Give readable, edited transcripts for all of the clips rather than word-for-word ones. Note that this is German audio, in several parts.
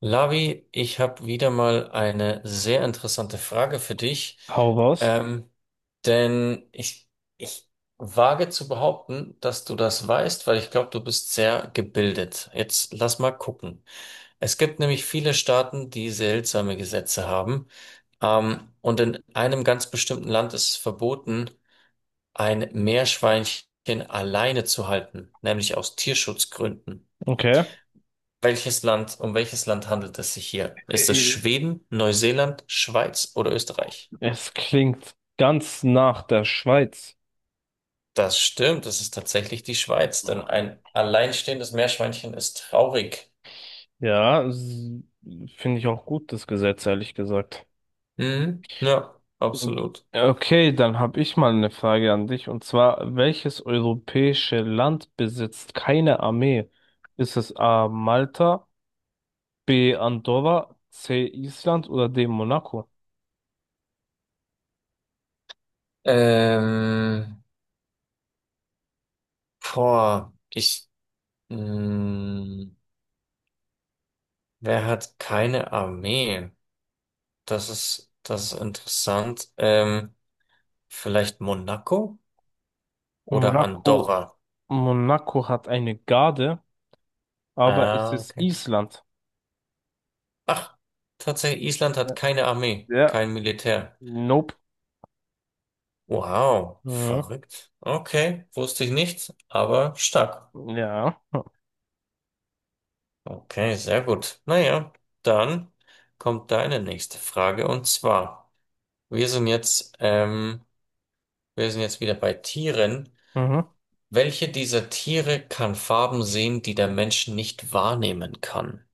Lavi, ich habe wieder mal eine sehr interessante Frage für dich, Hau raus. ähm, denn ich wage zu behaupten, dass du das weißt, weil ich glaube, du bist sehr gebildet. Jetzt lass mal gucken. Es gibt nämlich viele Staaten, die seltsame Gesetze haben, und in einem ganz bestimmten Land ist es verboten, ein Meerschweinchen alleine zu halten, nämlich aus Tierschutzgründen. Okay. Um welches Land handelt es sich hier? Ist es Äh, Schweden, Neuseeland, Schweiz oder Österreich? Es klingt ganz nach der Schweiz. Das stimmt, es ist tatsächlich die Schweiz, denn ein alleinstehendes Meerschweinchen ist traurig. Ja, s- finde ich auch gut, das Gesetz, ehrlich gesagt. Mhm, ja, absolut. Okay, dann habe ich mal eine Frage an dich. Und zwar, welches europäische Land besitzt keine Armee? Ist es A. Malta, B. Andorra, C. Island oder D. Monaco? Ähm, Boah, mh, wer hat keine Armee? Das ist interessant. Vielleicht Monaco oder Monaco, Andorra? Monaco hat eine Garde, aber es Ah, ist okay. Island. Ach, tatsächlich, Island Ja, hat keine Armee, ja, kein Militär. nope. Wow, Mhm. verrückt. Okay, wusste ich nicht, aber stark. Ja. Okay, sehr gut. Naja, dann kommt deine nächste Frage, und zwar, wir sind jetzt, ähm, wir sind jetzt wieder bei Tieren. Mhm. Welche dieser Tiere kann Farben sehen, die der Mensch nicht wahrnehmen kann?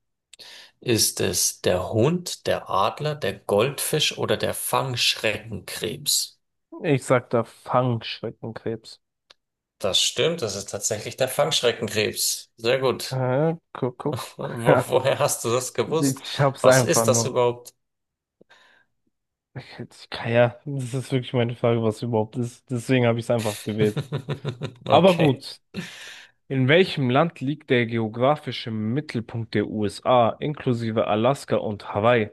Ist es der Hund, der Adler, der Goldfisch oder der Fangschreckenkrebs? Ich sag da Fangschreckenkrebs. Das stimmt, das ist tatsächlich der Fangschreckenkrebs. Sehr gut. Guck, guck. Ja. Woher hast du das gewusst? Ich hab's Was einfach ist das nur. überhaupt? Ich kann ja, das ist wirklich meine Frage, was überhaupt ist. Deswegen habe ich es einfach gewählt. Aber Okay. gut. In welchem Land liegt der geografische Mittelpunkt der USA, inklusive Alaska und Hawaii?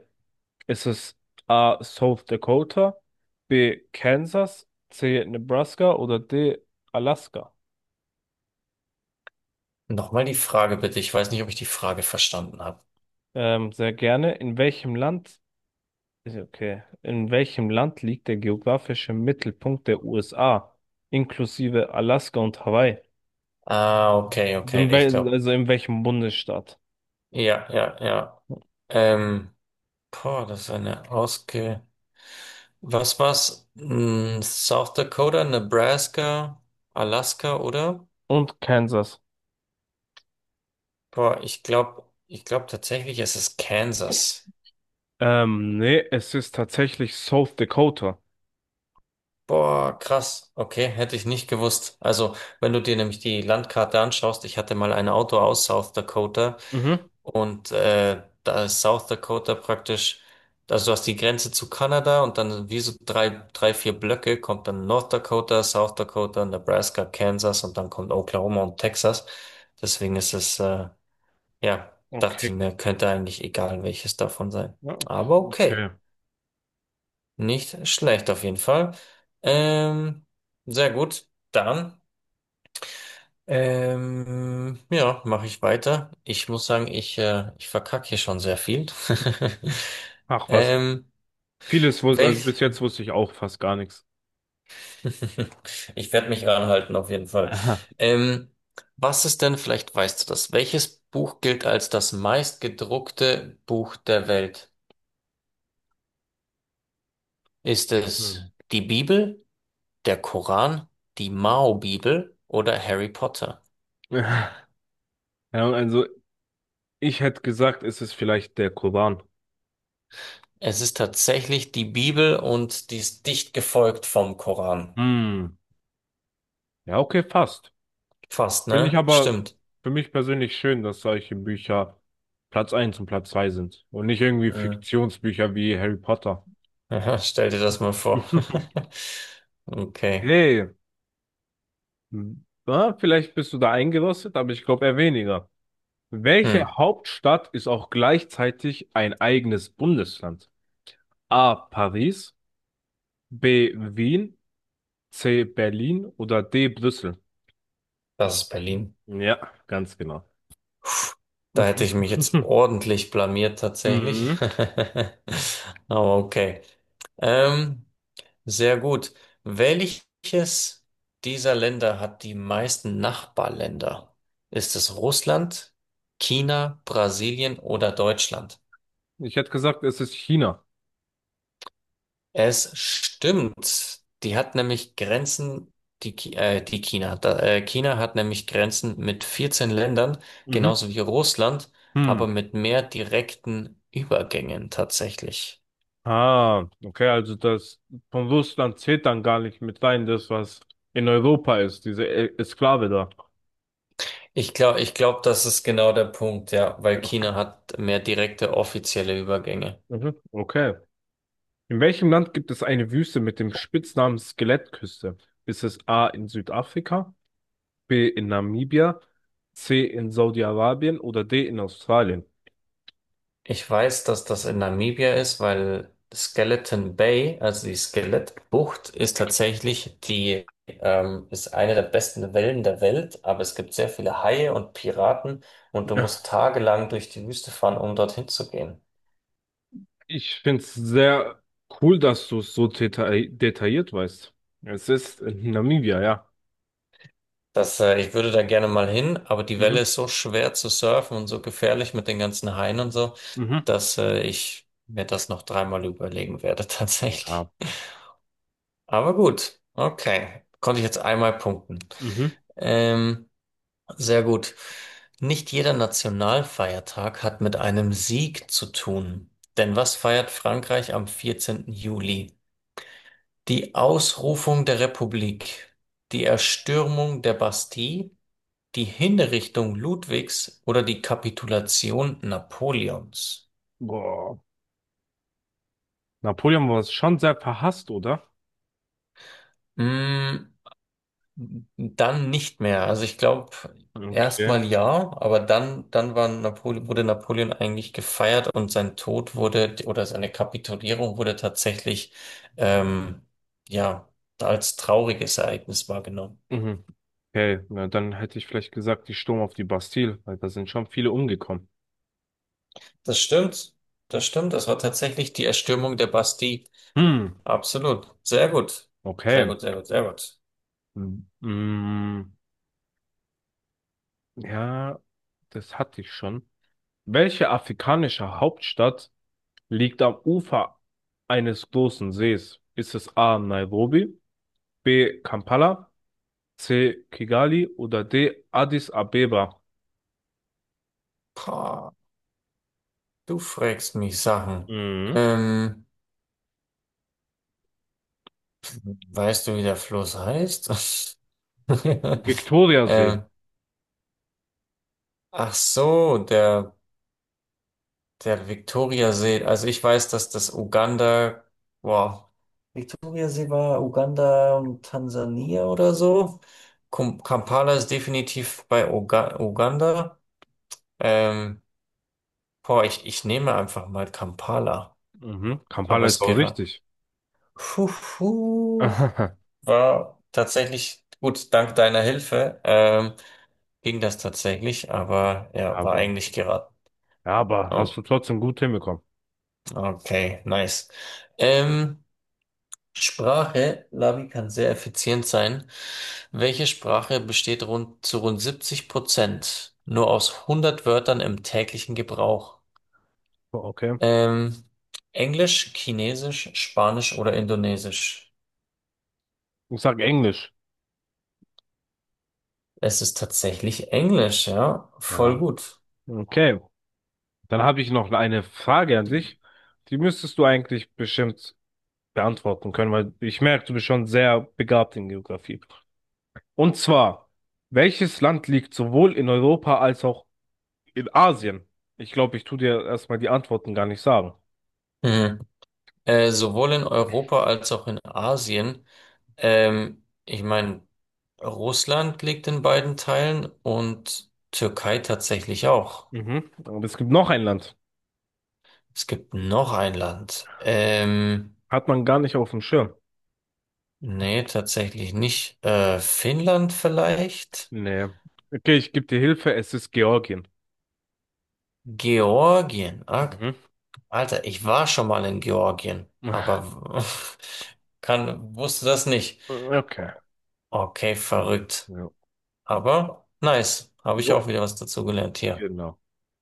Ist es A. South Dakota, B. Kansas, C. Nebraska oder D. Alaska? Nochmal die Frage bitte. Ich weiß nicht, ob ich die Frage verstanden habe. Sehr gerne. In welchem Land okay. In welchem Land liegt der geografische Mittelpunkt der USA, inklusive Alaska und Hawaii? Ah, okay, Also okay. in, Ich wel glaube. also in welchem Bundesstaat? Ja, ja, ja. Ähm, Boah, das ist eine Ausge. Was war's? Hm, South Dakota, Nebraska, Alaska, oder? Und Kansas. Boah, ich glaube tatsächlich, es ist Kansas. Nee, es ist tatsächlich South Dakota. Boah, krass. Okay, hätte ich nicht gewusst. Also, wenn du dir nämlich die Landkarte anschaust, ich hatte mal ein Auto aus South Dakota, Mhm. und da ist South Dakota praktisch, also du hast die Grenze zu Kanada und dann wie so vier Blöcke kommt dann North Dakota, South Dakota, Nebraska, Kansas und dann kommt Oklahoma und Texas. Deswegen ist es, ja, dachte Okay. ich mir, könnte eigentlich egal welches davon sein. Ja, ok- Aber okay. Okay. Nicht schlecht auf jeden Fall. Ähm, Sehr gut. Dann, ja, mache ich weiter. Ich muss sagen, ich verkacke hier schon sehr viel. Ach was. Ähm, Vieles wusste, also bis welch, jetzt wusste ich auch fast gar nichts. Ich werde mich ranhalten auf jeden Fall. Aha. Ähm, was ist denn, vielleicht weißt du das, welches Buch gilt als das meistgedruckte Buch der Welt? Ist es Hm. die Bibel, der Koran, die Mao-Bibel oder Harry Potter? Ja, also ich hätte gesagt, es ist vielleicht der Koran. Es ist tatsächlich die Bibel, und die ist dicht gefolgt vom Koran. Hm. Ja, okay, fast. Fast, Finde ich ne? aber Stimmt. für mich persönlich schön, dass solche Bücher Platz eins und Platz 2 sind und nicht irgendwie Mhm. Fiktionsbücher wie Harry Potter. Aha, stell dir das mal vor. Okay. Hey, na, vielleicht bist du da eingerostet, aber ich glaube eher weniger. Welche Hm, Hauptstadt ist auch gleichzeitig ein eigenes Bundesland? A. Paris, B. Wien, C. Berlin oder D. Brüssel? Das ist Berlin. Ja, ganz genau. Da hätte ich mich jetzt ordentlich blamiert tatsächlich. Mhm. Aber okay. Ähm, Sehr gut. Welches dieser Länder hat die meisten Nachbarländer? Ist es Russland, China, Brasilien oder Deutschland? Ich hätte gesagt, es ist China. Es stimmt. Die hat nämlich Grenzen, die China. Da, China hat nämlich Grenzen mit 14 Ländern, Mhm. genauso wie Russland, Hm. aber mit mehr direkten Übergängen tatsächlich. Ah, okay, also das von Russland zählt dann gar nicht mit rein, das, was in Europa ist, diese E- Exklave da. Ich glaube, das ist genau der Punkt, ja, Ja. weil China hat mehr direkte offizielle Übergänge. Mhm. Okay. In welchem Land gibt es eine Wüste mit dem Spitznamen Skelettküste? Ist es A in Südafrika, B in Namibia, C in Saudi-Arabien oder D in Australien? Ich weiß, dass das in Namibia ist, weil Skeleton Bay, also die Skelettbucht, ist eine der besten Wellen der Welt, aber es gibt sehr viele Haie und Piraten, und du musst Ja, tagelang durch die Wüste fahren, um dorthin zu gehen. ich finde es sehr cool, dass du es so deta detailliert weißt. Es ist in Namibia, ja. Das, ich würde da gerne mal hin, aber die Welle Mhm. ist so schwer zu surfen und so gefährlich mit den ganzen Haien und so, Mhm. dass, ich mir das noch dreimal überlegen werde, tatsächlich. Ja. Aber gut, okay. Konnte ich jetzt einmal punkten. Mhm. Ähm, Sehr gut. Nicht jeder Nationalfeiertag hat mit einem Sieg zu tun. Denn was feiert Frankreich am 14. Juli? Die Ausrufung der Republik, die Erstürmung der Bastille, die Hinrichtung Ludwigs oder die Kapitulation Napoleons? Boah. Napoleon war schon sehr verhasst, oder? Mm, Dann nicht mehr. Also ich glaube, Okay. erstmal ja, aber dann war Napole wurde Napoleon eigentlich gefeiert, und sein Tod wurde, oder seine Kapitulierung wurde tatsächlich, ähm, ja, als trauriges Ereignis wahrgenommen. Mhm. Okay, na dann hätte ich vielleicht gesagt, die Sturm auf die Bastille, weil da sind schon viele umgekommen. Das stimmt. Das stimmt. Das war tatsächlich die Erstürmung der Bastille. Hm, Absolut. Sehr gut. Sehr okay. gut, sehr gut, sehr gut. Hm, mm, ja, das hatte ich schon. Welche afrikanische Hauptstadt liegt am Ufer eines großen Sees? Ist es A. Nairobi, B. Kampala, C. Kigali oder D. Addis Abeba? Pah, du fragst mich Sachen. Mhm. Ähm, Weißt du, wie der Fluss heißt? Viktoriasee. Äh, Ach so, der Viktoriasee. Also ich weiß, dass das Uganda, wow, Viktoriasee war Uganda und Tansania oder so. Kampala ist definitiv bei Uganda. Ähm, Boah, ich nehme einfach mal Kampala. Mhm. Aber Kampala ist es auch gera- richtig. Puh, puh, War tatsächlich gut, dank deiner Hilfe. Ging das tatsächlich, aber ja, war Aber, ja, eigentlich geraten. aber Oh. hast du trotzdem gut hinbekommen. Okay, nice. Ähm, Sprache, Lavi kann sehr effizient sein. Welche Sprache besteht rund zu rund 70% nur aus 100 Wörtern im täglichen Gebrauch? Okay. Ähm, Englisch, Chinesisch, Spanisch oder Indonesisch? Ich sag Englisch. Es ist tatsächlich Englisch, ja, voll Ja. gut. Okay. Dann habe ich noch eine Frage an dich. Die müsstest du eigentlich bestimmt beantworten können, weil ich merke, du bist schon sehr begabt in Geografie. Und zwar, welches Land liegt sowohl in Europa als auch in Asien? Ich glaube, ich tue dir erstmal die Antworten gar nicht sagen. Mhm. Sowohl in Europa als auch in Asien. Ich meine, Russland liegt in beiden Teilen, und Türkei tatsächlich auch. Mhm. Und es gibt noch ein Land. Es gibt noch ein Land. Hat man gar nicht auf dem Schirm. Nee, tatsächlich nicht. Finnland vielleicht? Nee. Okay, ich gebe dir Hilfe. Es ist Georgien. Georgien. Ah, Mhm. Alter, ich war schon mal in Georgien, Ah, aber wusste das nicht. okay. Okay, Ja. verrückt. Ja. Aber nice. Habe ich Jo. auch wieder was dazu gelernt hier. Genau.